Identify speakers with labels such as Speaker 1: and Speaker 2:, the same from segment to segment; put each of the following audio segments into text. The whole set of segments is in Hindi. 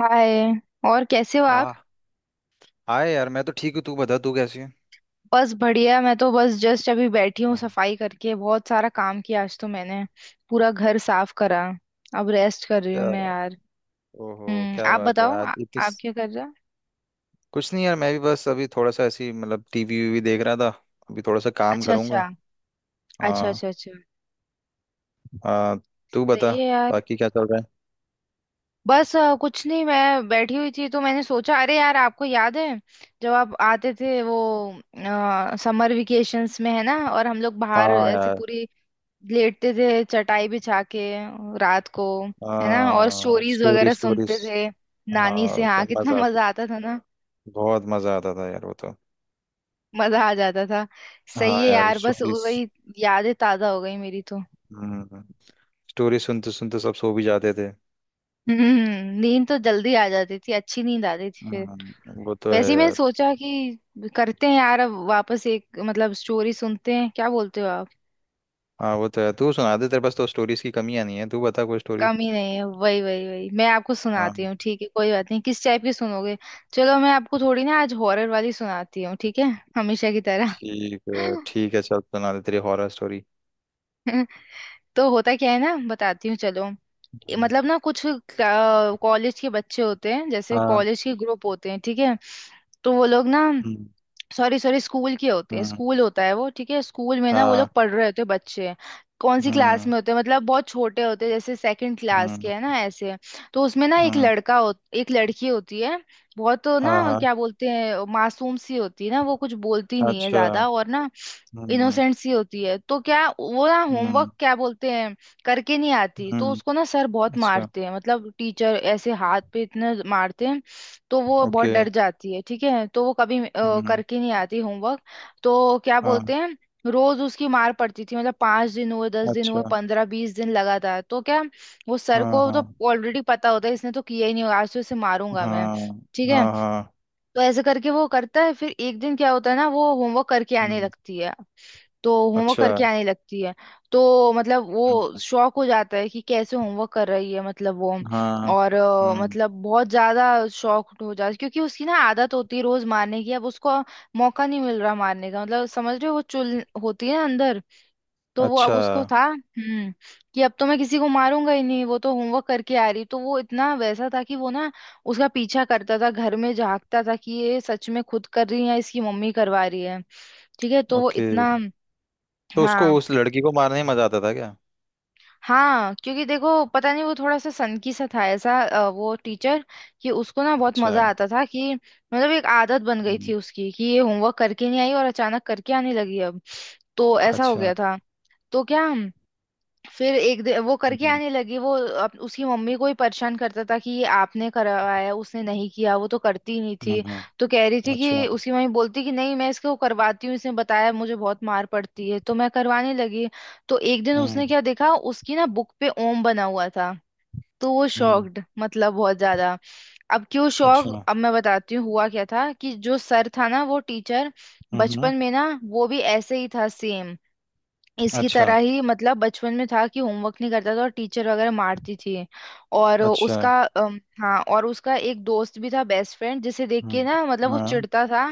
Speaker 1: हाय। और कैसे हो आप।
Speaker 2: आ हाय यार, मैं तो ठीक हूँ। तू बता, तू कैसी है?
Speaker 1: बस बढ़िया, मैं तो बस जस्ट अभी बैठी हूँ,
Speaker 2: हम्म।
Speaker 1: सफाई करके बहुत सारा काम किया आज तो मैंने, पूरा घर साफ करा। अब रेस्ट कर रही हूँ मैं
Speaker 2: क्या?
Speaker 1: यार।
Speaker 2: ओहो,
Speaker 1: हम्म,
Speaker 2: क्या
Speaker 1: आप
Speaker 2: बात है,
Speaker 1: बताओ
Speaker 2: आज ये किस?
Speaker 1: आप क्या कर रहे हो।
Speaker 2: कुछ नहीं यार, मैं भी बस अभी थोड़ा सा ऐसी मतलब टीवी वीवी देख रहा था। अभी थोड़ा सा काम
Speaker 1: अच्छा
Speaker 2: करूंगा।
Speaker 1: अच्छा अच्छा।
Speaker 2: हाँ।
Speaker 1: अच्छा अच्छा।
Speaker 2: हाँ, तू बता,
Speaker 1: सही है यार।
Speaker 2: बाकी क्या चल रहा है?
Speaker 1: बस कुछ नहीं, मैं बैठी हुई थी तो मैंने सोचा, अरे यार आपको याद है जब आप आते थे, वो समर वेकेशंस में, है ना, और हम लोग बाहर
Speaker 2: हाँ
Speaker 1: ऐसे
Speaker 2: यार।
Speaker 1: पूरी लेटते थे चटाई बिछा के रात को। है ना, और
Speaker 2: हाँ,
Speaker 1: स्टोरीज
Speaker 2: स्टोरी
Speaker 1: वगैरह
Speaker 2: स्टोरीज।
Speaker 1: सुनते थे नानी से।
Speaker 2: हाँ, क्या
Speaker 1: हाँ, कितना
Speaker 2: मजा आता,
Speaker 1: मजा आता था ना।
Speaker 2: बहुत मजा आता था यार वो तो।
Speaker 1: मजा आ जाता था।
Speaker 2: हाँ
Speaker 1: सही है
Speaker 2: यार,
Speaker 1: यार, बस
Speaker 2: स्टोरीज।
Speaker 1: वही यादें ताजा हो गई मेरी तो।
Speaker 2: हम्म। स्टोरी सुनते सुनते सब सो भी जाते थे।
Speaker 1: हम्म, नींद तो जल्दी आ जाती थी, अच्छी नींद आती थी फिर।
Speaker 2: हम्म, वो तो है
Speaker 1: वैसे ही मैंने
Speaker 2: यार।
Speaker 1: सोचा कि करते हैं यार अब वापस एक, मतलब स्टोरी सुनते हैं, क्या बोलते हो आप।
Speaker 2: हाँ वो तो है, तू सुना दे, तेरे पास तो स्टोरीज की कमियां नहीं है, तू बता कोई स्टोरी।
Speaker 1: कम ही नहीं है, वही वही वही मैं आपको
Speaker 2: हाँ।
Speaker 1: सुनाती हूँ, ठीक है, कोई बात नहीं। किस टाइप की सुनोगे। चलो मैं आपको थोड़ी ना आज हॉरर वाली सुनाती हूँ, ठीक है, हमेशा की तरह।
Speaker 2: ठीक है ठीक है, चल सुना दे तेरी हॉरर स्टोरी।
Speaker 1: तो होता क्या है ना, बताती हूँ चलो। ये
Speaker 2: हम्म।
Speaker 1: मतलब ना कुछ कॉलेज के बच्चे होते हैं, जैसे
Speaker 2: हाँ।
Speaker 1: कॉलेज के ग्रुप होते हैं, ठीक है। तो वो लोग ना,
Speaker 2: हम्म।
Speaker 1: सॉरी सॉरी, स्कूल की होती है,
Speaker 2: हम्म।
Speaker 1: स्कूल होता है वो, ठीक है। स्कूल में ना वो
Speaker 2: हाँ।
Speaker 1: लोग पढ़ रहे होते हैं बच्चे। कौन सी क्लास
Speaker 2: हम्म।
Speaker 1: में होते हैं, मतलब बहुत छोटे होते हैं, जैसे सेकंड क्लास
Speaker 2: हम्म।
Speaker 1: के, है ना, ऐसे। तो उसमें ना एक
Speaker 2: हम्म।
Speaker 1: लड़का हो, एक लड़की होती है। बहुत
Speaker 2: हाँ
Speaker 1: ना,
Speaker 2: हाँ।
Speaker 1: क्या बोलते हैं, मासूम सी होती है ना, वो कुछ बोलती नहीं है
Speaker 2: अच्छा।
Speaker 1: ज्यादा, और ना
Speaker 2: हम्म।
Speaker 1: इनोसेंट सी होती है। तो क्या वो ना होमवर्क,
Speaker 2: हम्म।
Speaker 1: क्या बोलते हैं, करके नहीं आती, तो
Speaker 2: हम्म।
Speaker 1: उसको ना सर बहुत
Speaker 2: अच्छा।
Speaker 1: मारते हैं, मतलब टीचर, ऐसे हाथ पे इतने मारते हैं। तो वो बहुत
Speaker 2: ओके।
Speaker 1: डर जाती है, ठीक है। तो वो कभी
Speaker 2: हम्म।
Speaker 1: करके नहीं आती होमवर्क। तो क्या
Speaker 2: हाँ।
Speaker 1: बोलते हैं, रोज उसकी मार पड़ती थी, मतलब 5 दिन हुए, 10 दिन हुए,
Speaker 2: अच्छा।
Speaker 1: 15-20 दिन लगातार। तो क्या, वो सर
Speaker 2: हाँ
Speaker 1: को तो
Speaker 2: हाँ
Speaker 1: ऑलरेडी पता होता है, इसने तो किया ही नहीं होगा, आज तो इसे मारूंगा मैं,
Speaker 2: हाँ
Speaker 1: ठीक है।
Speaker 2: हाँ हाँ।
Speaker 1: तो ऐसे करके वो करता है। फिर एक दिन क्या होता है ना, वो होमवर्क करके आने
Speaker 2: हम्म।
Speaker 1: लगती है। तो होमवर्क
Speaker 2: अच्छा।
Speaker 1: करके आने लगती है। तो मतलब वो
Speaker 2: हम्म।
Speaker 1: शॉक हो जाता है कि कैसे होमवर्क कर रही है, मतलब वो,
Speaker 2: हाँ।
Speaker 1: और
Speaker 2: हम्म।
Speaker 1: मतलब बहुत ज्यादा शॉक हो जाता है, क्योंकि उसकी ना आदत होती है रोज मारने की, अब उसको मौका नहीं मिल रहा मारने का, मतलब समझ रहे हो, वो चुल होती है ना अंदर। तो वो अब
Speaker 2: अच्छा।
Speaker 1: उसको था कि अब तो मैं किसी को मारूंगा ही नहीं, वो तो होमवर्क करके आ रही, तो वो इतना वैसा था कि वो ना उसका पीछा करता था, घर में झांकता था कि ये सच में खुद कर रही है या इसकी मम्मी करवा रही है, ठीक है। तो वो
Speaker 2: ओके।
Speaker 1: इतना,
Speaker 2: तो उसको
Speaker 1: हाँ
Speaker 2: उस लड़की को मारने में मजा आता था क्या?
Speaker 1: हाँ, क्योंकि देखो, पता नहीं वो थोड़ा सा सनकी सा था ऐसा, वो टीचर। कि उसको ना बहुत
Speaker 2: अच्छा।
Speaker 1: मजा आता था, कि मतलब एक आदत बन गई
Speaker 2: हम्म।
Speaker 1: थी उसकी कि ये होमवर्क करके नहीं आई, और अचानक करके आने लगी, अब तो ऐसा हो
Speaker 2: अच्छा।
Speaker 1: गया था। तो क्या, फिर एक दिन वो करके
Speaker 2: हम्म।
Speaker 1: आने लगी, वो उसकी मम्मी को ही परेशान करता था कि ये आपने करवाया, उसने नहीं किया, वो तो करती ही नहीं
Speaker 2: हम्म।
Speaker 1: थी।
Speaker 2: हम्म।
Speaker 1: तो कह रही थी कि
Speaker 2: अच्छा।
Speaker 1: उसकी मम्मी बोलती कि नहीं, मैं इसको करवाती हूँ, इसने बताया मुझे बहुत मार पड़ती है तो मैं करवाने लगी। तो एक दिन उसने
Speaker 2: हम्म।
Speaker 1: क्या देखा, उसकी ना बुक पे ओम बना हुआ था। तो वो
Speaker 2: हम्म।
Speaker 1: शॉक्ड, मतलब बहुत ज्यादा। अब क्यों शॉक,
Speaker 2: अच्छा।
Speaker 1: अब मैं बताती हूँ। हुआ क्या था कि जो सर था ना, वो टीचर,
Speaker 2: हम्म। हम्म।
Speaker 1: बचपन में ना वो भी ऐसे ही था, सेम इसकी तरह
Speaker 2: अच्छा।
Speaker 1: ही, मतलब बचपन में था कि होमवर्क नहीं करता था और टीचर वगैरह मारती थी। और
Speaker 2: अच्छा।
Speaker 1: उसका हाँ, और उसका एक दोस्त भी था, बेस्ट फ्रेंड, जिसे देख के
Speaker 2: हम्म।
Speaker 1: ना मतलब वो
Speaker 2: हाँ।
Speaker 1: चिढ़ता था,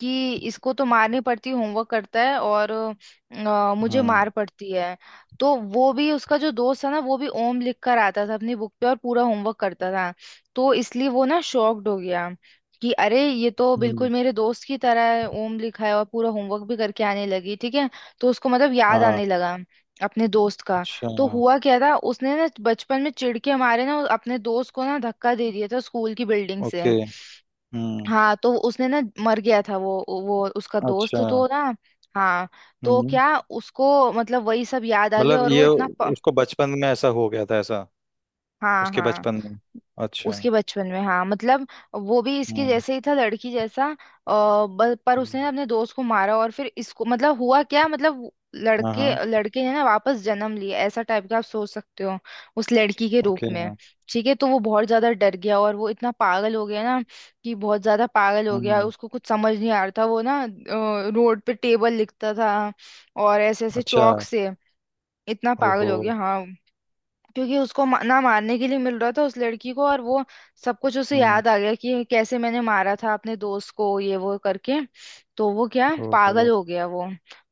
Speaker 1: कि इसको तो मारनी पड़ती, होमवर्क करता है, और मुझे
Speaker 2: हम्म।
Speaker 1: मार पड़ती है। तो वो भी, उसका जो दोस्त था ना, वो भी ओम लिख कर आता था अपनी बुक पे और पूरा होमवर्क करता था। तो इसलिए वो ना शॉक्ड हो गया कि अरे ये तो बिल्कुल
Speaker 2: हम्म।
Speaker 1: मेरे दोस्त की तरह है, ओम लिखा है और पूरा होमवर्क भी करके आने लगी, ठीक है। तो उसको मतलब याद
Speaker 2: हाँ।
Speaker 1: आने लगा अपने दोस्त का।
Speaker 2: अच्छा।
Speaker 1: तो हुआ क्या था, उसने ना बचपन में चिढ़ के हमारे ना अपने दोस्त को ना धक्का दे दिया था स्कूल की बिल्डिंग से।
Speaker 2: ओके। हम्म।
Speaker 1: हाँ, तो उसने ना, मर गया था वो उसका दोस्त
Speaker 2: अच्छा।
Speaker 1: तो ना, हाँ। तो
Speaker 2: हम्म।
Speaker 1: क्या, उसको मतलब वही सब याद आ गया,
Speaker 2: मतलब
Speaker 1: और वो
Speaker 2: ये,
Speaker 1: इतना
Speaker 2: उसको बचपन में ऐसा हो गया था ऐसा?
Speaker 1: हाँ
Speaker 2: उसके
Speaker 1: हाँ,
Speaker 2: बचपन में? अच्छा।
Speaker 1: उसके बचपन में, हाँ मतलब वो भी इसके
Speaker 2: हम्म।
Speaker 1: जैसे ही था लड़की जैसा पर उसने
Speaker 2: हम्म।
Speaker 1: अपने दोस्त को मारा और फिर इसको मतलब हुआ क्या, मतलब वो-
Speaker 2: हाँ
Speaker 1: लड़के
Speaker 2: हाँ।
Speaker 1: लड़के ने ना वापस जन्म लिया, ऐसा टाइप का आप सोच सकते हो, उस लड़की के रूप
Speaker 2: ओके।
Speaker 1: में, ठीक है। तो वो बहुत ज्यादा डर गया, और वो इतना पागल हो गया ना, कि बहुत ज्यादा पागल हो गया,
Speaker 2: हम्म।
Speaker 1: उसको कुछ समझ नहीं आ रहा था, वो ना रोड पे टेबल लिखता था, और ऐसे ऐसे
Speaker 2: अच्छा।
Speaker 1: चौक से, इतना पागल
Speaker 2: ओहो।
Speaker 1: हो गया, हाँ, क्योंकि उसको ना मारने के लिए मिल रहा था उस लड़की को, और वो सब कुछ उसे
Speaker 2: हम्म।
Speaker 1: याद आ गया कि कैसे मैंने मारा था अपने दोस्त को, ये वो करके। तो वो क्या, पागल
Speaker 2: ओहो।
Speaker 1: हो गया वो।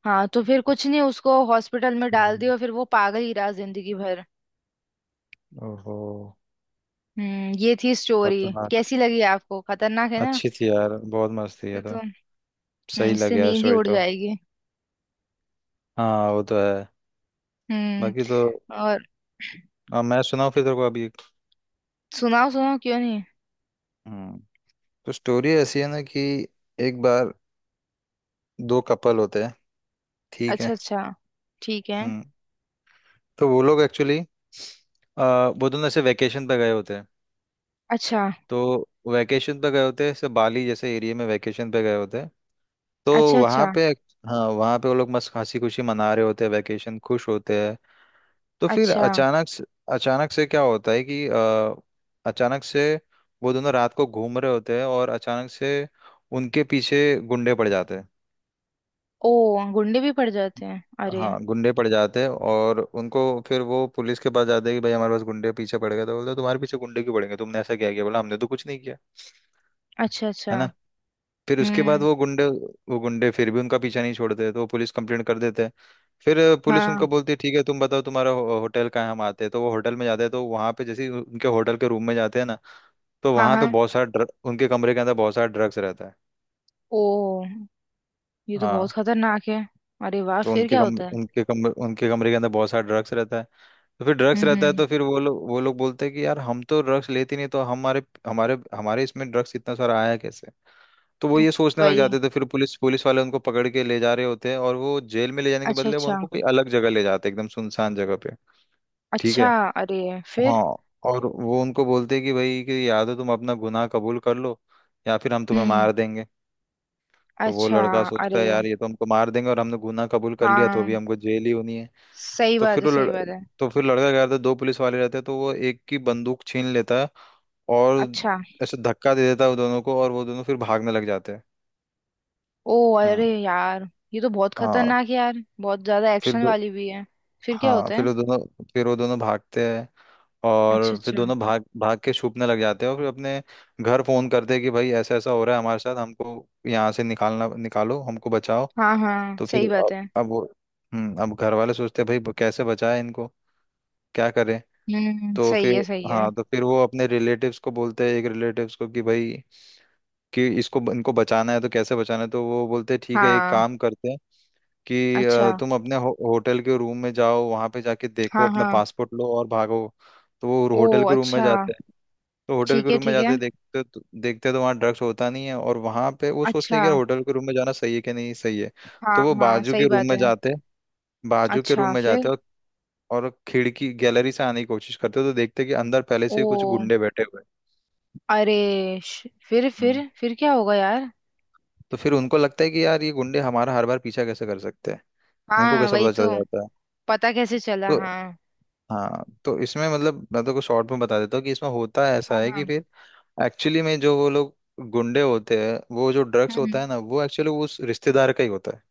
Speaker 1: हाँ, तो फिर कुछ नहीं, उसको हॉस्पिटल में डाल
Speaker 2: हम्म।
Speaker 1: दिया और फिर वो पागल ही रहा जिंदगी भर।
Speaker 2: ओहो।
Speaker 1: हम्म, ये थी स्टोरी।
Speaker 2: खतरनाक।
Speaker 1: कैसी लगी आपको, खतरनाक है ना,
Speaker 2: अच्छी थी यार, बहुत मस्त थी
Speaker 1: ये
Speaker 2: ये
Speaker 1: तो।
Speaker 2: तो। सही
Speaker 1: इससे
Speaker 2: लगे यार,
Speaker 1: नींद ही
Speaker 2: स्टोरी
Speaker 1: उड़
Speaker 2: तो।
Speaker 1: जाएगी।
Speaker 2: हाँ वो तो है।
Speaker 1: हम्म।
Speaker 2: बाकी तो।
Speaker 1: और
Speaker 2: अब मैं सुनाऊँ फिर तेरे को, अभी एक।
Speaker 1: सुनाओ, सुनाओ, क्यों नहीं।
Speaker 2: हम्म। तो स्टोरी ऐसी है ना कि एक बार दो कपल होते हैं, ठीक है।
Speaker 1: अच्छा अच्छा, ठीक है।
Speaker 2: हम्म। तो वो लोग एक्चुअली, वो दोनों ऐसे वैकेशन पे गए होते हैं।
Speaker 1: अच्छा
Speaker 2: तो वैकेशन पे गए होते हैं, ऐसे बाली जैसे एरिया में वैकेशन पे गए होते हैं। तो
Speaker 1: अच्छा।
Speaker 2: वहाँ
Speaker 1: अच्छा
Speaker 2: पे, हाँ वहाँ पे वो लोग मस्त हंसी खुशी मना रहे होते हैं, वैकेशन खुश होते हैं। तो फिर
Speaker 1: अच्छा।
Speaker 2: अचानक से, अचानक से क्या होता है कि अचानक से वो दोनों रात को घूम रहे होते हैं और अचानक से उनके पीछे गुंडे पड़ जाते हैं।
Speaker 1: ओ, गुंडे भी पड़ जाते हैं, अरे।
Speaker 2: हाँ, गुंडे पड़ जाते हैं और उनको, फिर वो पुलिस के पास जाते हैं कि भाई हमारे पास गुंडे पीछे पड़ गए। तो बोलते हैं, तुम्हारे पीछे गुंडे क्यों पड़ गए, तुमने ऐसा क्या किया? बोला, हमने तो कुछ नहीं किया,
Speaker 1: अच्छा अच्छा।
Speaker 2: है ना। फिर उसके बाद
Speaker 1: हम्म।
Speaker 2: वो गुंडे फिर भी उनका पीछा नहीं छोड़ते, तो वो पुलिस कंप्लेंट कर देते हैं। फिर पुलिस
Speaker 1: हाँ
Speaker 2: उनको बोलती है ठीक है, तुम बताओ तुम्हारा होटल कहाँ है, हम आते हैं। तो वो होटल में जाते हैं, तो वहाँ पे जैसे ही उनके होटल के रूम में जाते हैं ना, तो
Speaker 1: हाँ।
Speaker 2: वहाँ पे
Speaker 1: हाँ।
Speaker 2: बहुत सारा उनके कमरे के अंदर बहुत सारा ड्रग्स रहता है।
Speaker 1: ओ, ये तो बहुत
Speaker 2: हाँ,
Speaker 1: खतरनाक है। अरे वाह,
Speaker 2: तो
Speaker 1: फिर क्या होता है।
Speaker 2: उनके कमरे के अंदर बहुत सारा ड्रग्स रहता है। तो फिर ड्रग्स
Speaker 1: हम्म
Speaker 2: रहता है,
Speaker 1: हम्म
Speaker 2: तो फिर वो लोग बोलते हैं कि यार हम तो ड्रग्स लेते नहीं, तो हमारे, हमारे हमारे इसमें ड्रग्स इतना सारा आया कैसे? तो वो
Speaker 1: हम्म,
Speaker 2: ये सोचने लग
Speaker 1: वही।
Speaker 2: जाते थे, फिर पुलिस पुलिस वाले उनको पकड़ के ले जा रहे होते हैं, और वो जेल में ले जाने के
Speaker 1: अच्छा
Speaker 2: बदले वो
Speaker 1: अच्छा।
Speaker 2: उनको कोई अलग जगह ले जाते हैं, एकदम सुनसान जगह पे। ठीक
Speaker 1: अच्छा।
Speaker 2: है।
Speaker 1: अरे फिर।
Speaker 2: हाँ, और वो उनको बोलते हैं कि भाई, कि या तो तुम अपना गुनाह कबूल कर लो, या फिर हम तुम्हें
Speaker 1: हम्म।
Speaker 2: मार देंगे। तो वो
Speaker 1: अच्छा।
Speaker 2: लड़का
Speaker 1: अरे।
Speaker 2: सोचता है यार, ये तो हमको मार देंगे, और हमने गुनाह कबूल कर लिया तो भी
Speaker 1: हाँ,
Speaker 2: हमको जेल ही होनी है।
Speaker 1: सही
Speaker 2: तो
Speaker 1: बात
Speaker 2: फिर
Speaker 1: है,
Speaker 2: वो
Speaker 1: सही
Speaker 2: लड़...
Speaker 1: बात है।
Speaker 2: तो फिर लड़का क्या करता है, दो पुलिस वाले रहते हैं तो वो एक की बंदूक छीन लेता है। और
Speaker 1: अच्छा।
Speaker 2: ऐसे धक्का दे देता है वो दोनों को, और वो दोनों फिर भागने लग जाते हैं।
Speaker 1: ओ
Speaker 2: हम्म।
Speaker 1: अरे यार, ये तो बहुत
Speaker 2: हाँ।
Speaker 1: खतरनाक है यार, बहुत ज्यादा
Speaker 2: फिर
Speaker 1: एक्शन
Speaker 2: दो
Speaker 1: वाली भी है। फिर क्या
Speaker 2: हाँ,
Speaker 1: होता है।
Speaker 2: फिर वो दोनों भागते हैं,
Speaker 1: अच्छा
Speaker 2: और फिर
Speaker 1: अच्छा।
Speaker 2: दोनों भाग भाग के छुपने लग जाते हैं। और फिर अपने घर फोन करते हैं कि भाई, ऐसा ऐसा हो रहा है हमारे साथ, हमको यहाँ से निकालना, निकालो हमको, बचाओ।
Speaker 1: हाँ हाँ,
Speaker 2: तो फिर
Speaker 1: सही बात
Speaker 2: अब
Speaker 1: है।
Speaker 2: अब वो अब घर वाले सोचते हैं भाई कैसे बचाए इनको, क्या करें?
Speaker 1: हम्म,
Speaker 2: तो
Speaker 1: सही
Speaker 2: फिर,
Speaker 1: है, सही है।
Speaker 2: हाँ, तो फिर वो अपने रिलेटिव्स को बोलते हैं, एक रिलेटिव्स को कि भाई, कि इसको इनको बचाना है तो कैसे बचाना है। तो वो बोलते हैं ठीक है, एक
Speaker 1: हाँ।
Speaker 2: काम करते हैं कि
Speaker 1: अच्छा।
Speaker 2: तुम अपने होटल के रूम में जाओ, वहां पे जाके देखो,
Speaker 1: हाँ
Speaker 2: अपना
Speaker 1: हाँ।
Speaker 2: पासपोर्ट लो और भागो। तो वो
Speaker 1: ओ
Speaker 2: होटल के रूम में
Speaker 1: अच्छा।
Speaker 2: जाते हैं। तो होटल
Speaker 1: ठीक
Speaker 2: के
Speaker 1: है,
Speaker 2: रूम में
Speaker 1: ठीक है।
Speaker 2: जाते देखते तो वहाँ ड्रग्स होता नहीं है, और वहां पे वो सोचते
Speaker 1: अच्छा।
Speaker 2: हैं कि यार होटल के रूम में जाना सही है कि नहीं सही है। तो
Speaker 1: हाँ
Speaker 2: वो
Speaker 1: हाँ, सही बात है।
Speaker 2: बाजू के रूम
Speaker 1: अच्छा
Speaker 2: में जाते
Speaker 1: फिर।
Speaker 2: और, खिड़की गैलरी से आने की कोशिश करते हैं, तो देखते हैं कि अंदर पहले
Speaker 1: ओ
Speaker 2: से ही कुछ गुंडे बैठे हुए
Speaker 1: अरे
Speaker 2: हैं। हम्म।
Speaker 1: फिर क्या होगा यार।
Speaker 2: तो फिर उनको लगता है कि यार ये गुंडे हमारा हर बार पीछा कैसे कर सकते हैं, इनको
Speaker 1: हाँ
Speaker 2: कैसे
Speaker 1: वही
Speaker 2: पता चल
Speaker 1: तो,
Speaker 2: जाता है?
Speaker 1: पता कैसे चला,
Speaker 2: तो,
Speaker 1: हाँ।
Speaker 2: हाँ, तो इसमें मतलब मैं तो को शॉर्ट में बता देता हूँ कि इसमें होता ऐसा
Speaker 1: हाँ
Speaker 2: है
Speaker 1: हाँ।
Speaker 2: कि फिर एक्चुअली में जो वो लोग गुंडे होते हैं, वो जो
Speaker 1: हम्म
Speaker 2: ड्रग्स होता
Speaker 1: हम्म।
Speaker 2: है ना, वो एक्चुअली उस रिश्तेदार का ही होता है।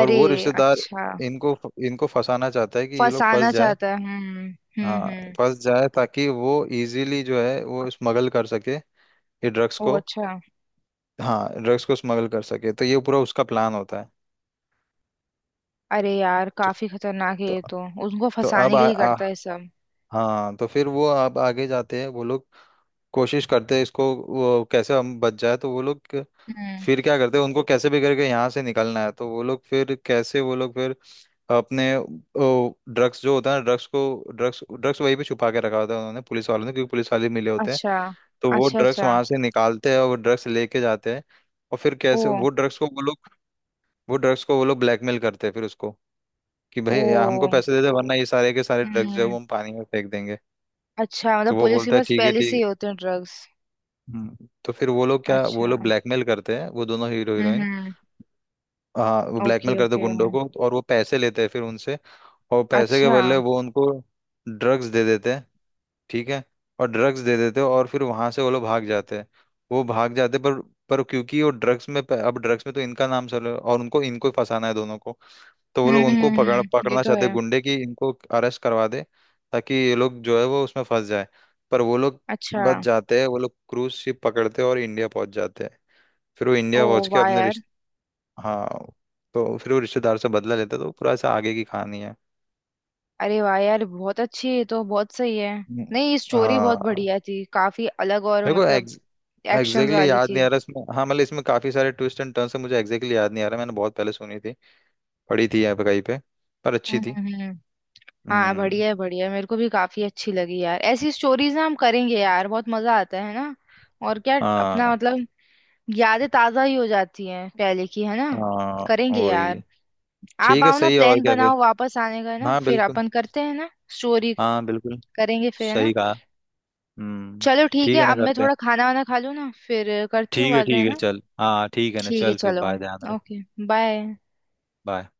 Speaker 2: और वो रिश्तेदार
Speaker 1: अच्छा।
Speaker 2: इनको इनको फंसाना चाहता है कि ये लोग फंस
Speaker 1: फंसाना
Speaker 2: जाए।
Speaker 1: चाहता है, हम्म।
Speaker 2: हाँ,
Speaker 1: हम्म।
Speaker 2: फंस जाए ताकि वो इजीली जो है वो स्मगल कर सके, ये ड्रग्स
Speaker 1: ओ
Speaker 2: को।
Speaker 1: अच्छा।
Speaker 2: हाँ, ड्रग्स को स्मगल कर सके, तो ये पूरा उसका प्लान होता है।
Speaker 1: अरे यार
Speaker 2: तो,
Speaker 1: काफी खतरनाक है
Speaker 2: तो
Speaker 1: ये तो। उनको
Speaker 2: अब
Speaker 1: फंसाने के
Speaker 2: आ,
Speaker 1: लिए
Speaker 2: आ,
Speaker 1: करता है सब।
Speaker 2: हाँ, तो फिर वो अब आगे जाते हैं वो लोग, कोशिश करते हैं इसको, वो कैसे हम बच जाए। तो वो लोग
Speaker 1: हम्म।
Speaker 2: फिर क्या करते हैं, उनको कैसे भी करके यहाँ से निकलना है। तो वो लोग फिर अपने ड्रग्स जो होता है ड्रग्स को, ड्रग्स ड्रग्स वहीं पे छुपा के रखा होता है उन्होंने, पुलिस वालों ने, क्योंकि पुलिस वाले मिले होते हैं।
Speaker 1: अच्छा
Speaker 2: तो वो
Speaker 1: अच्छा।
Speaker 2: ड्रग्स
Speaker 1: अच्छा।
Speaker 2: वहां से निकालते हैं और वो ड्रग्स लेके जाते हैं। और फिर
Speaker 1: ओ।
Speaker 2: कैसे वो ड्रग्स को वो लोग वो ड्रग्स को वो लोग ब्लैकमेल करते हैं फिर उसको, कि भाई
Speaker 1: ओ।
Speaker 2: यार हमको पैसे दे दे, वरना ये सारे के सारे ड्रग्स जो है वो
Speaker 1: हम्म।
Speaker 2: हम पानी में फेंक देंगे।
Speaker 1: अच्छा मतलब
Speaker 2: तो वो
Speaker 1: पुलिस के
Speaker 2: बोलता है
Speaker 1: पास
Speaker 2: ठीक है,
Speaker 1: पहले से ही
Speaker 2: ठीक।
Speaker 1: होते हैं ड्रग्स।
Speaker 2: हम्म। तो फिर
Speaker 1: अच्छा।
Speaker 2: वो लोग ब्लैकमेल करते हैं, वो दोनों हीरो हीरोइन।
Speaker 1: हम्म।
Speaker 2: हाँ, वो ब्लैकमेल
Speaker 1: ओके
Speaker 2: करते हैं
Speaker 1: ओके।
Speaker 2: गुंडों को और वो पैसे लेते हैं फिर उनसे। और पैसे के
Speaker 1: अच्छा।
Speaker 2: बदले वो उनको ड्रग्स दे देते हैं। ठीक है। और ड्रग्स दे देते हैं, और फिर वहां से वो लोग भाग जाते हैं। वो भाग जाते हैं, पर, क्योंकि वो ड्रग्स में, अब ड्रग्स में तो इनका नाम चल रहा है, और उनको इनको ही फंसाना है दोनों को। तो वो लोग उनको
Speaker 1: ये
Speaker 2: पकड़ना
Speaker 1: तो
Speaker 2: चाहते हैं
Speaker 1: है।
Speaker 2: गुंडे की, इनको अरेस्ट करवा दे, ताकि ये लोग जो है वो उसमें फंस जाए। पर वो लोग
Speaker 1: अच्छा।
Speaker 2: बच जाते हैं, वो लोग क्रूज शिप पकड़ते हैं और इंडिया पहुंच जाते हैं। फिर वो
Speaker 1: ओ।
Speaker 2: इंडिया पहुंच के
Speaker 1: वाह
Speaker 2: अपने
Speaker 1: यार।
Speaker 2: रिश्ते हाँ, तो फिर वो रिश्तेदार से बदला लेता है, तो पूरा ऐसा आगे की कहानी है।
Speaker 1: अरे वाह यार, बहुत अच्छी, ये तो बहुत सही है।
Speaker 2: हम्म।
Speaker 1: नहीं, स्टोरी बहुत
Speaker 2: हाँ,
Speaker 1: बढ़िया थी, काफी अलग, और
Speaker 2: मेरे को
Speaker 1: मतलब
Speaker 2: एग्जैक्टली
Speaker 1: एक्शंस
Speaker 2: exactly
Speaker 1: वाली
Speaker 2: याद
Speaker 1: थी।
Speaker 2: नहीं आ रहा इसमें, हाँ, मतलब इसमें काफी सारे ट्विस्ट एंड टर्न्स है, मुझे एग्जैक्टली exactly याद नहीं आ रहा, मैंने बहुत पहले सुनी थी, पढ़ी थी यहाँ पे कहीं पे, पर अच्छी
Speaker 1: हम्म
Speaker 2: थी।
Speaker 1: हम्म, हम्म। हाँ
Speaker 2: हम्म।
Speaker 1: बढ़िया है, बढ़िया है, मेरे को भी काफी अच्छी लगी यार। ऐसी स्टोरीज ना हम करेंगे यार, बहुत मजा आता है ना। और क्या, अपना
Speaker 2: हाँ।
Speaker 1: मतलब यादें ताजा ही हो जाती हैं पहले की, है ना।
Speaker 2: हाँ
Speaker 1: करेंगे
Speaker 2: वही।
Speaker 1: यार। आप
Speaker 2: ठीक है,
Speaker 1: आओ ना,
Speaker 2: सही है। और
Speaker 1: प्लान
Speaker 2: क्या फिर?
Speaker 1: बनाओ वापस आने का, है ना,
Speaker 2: हाँ
Speaker 1: फिर
Speaker 2: बिल्कुल।
Speaker 1: अपन करते हैं ना स्टोरी।
Speaker 2: हाँ बिल्कुल।
Speaker 1: करेंगे फिर, है ना।
Speaker 2: सही कहा। हम्म।
Speaker 1: चलो ठीक
Speaker 2: ठीक
Speaker 1: है,
Speaker 2: है ना,
Speaker 1: अब मैं
Speaker 2: करते हैं।
Speaker 1: थोड़ा खाना वाना खा लूँ ना, फिर करती हूँ
Speaker 2: ठीक है
Speaker 1: बाद में, है
Speaker 2: ठीक है,
Speaker 1: ना।
Speaker 2: चल। हाँ ठीक है ना,
Speaker 1: ठीक है
Speaker 2: चल फिर,
Speaker 1: चलो।
Speaker 2: बाय, ध्यान रख।
Speaker 1: ओके। बाय।
Speaker 2: बाय।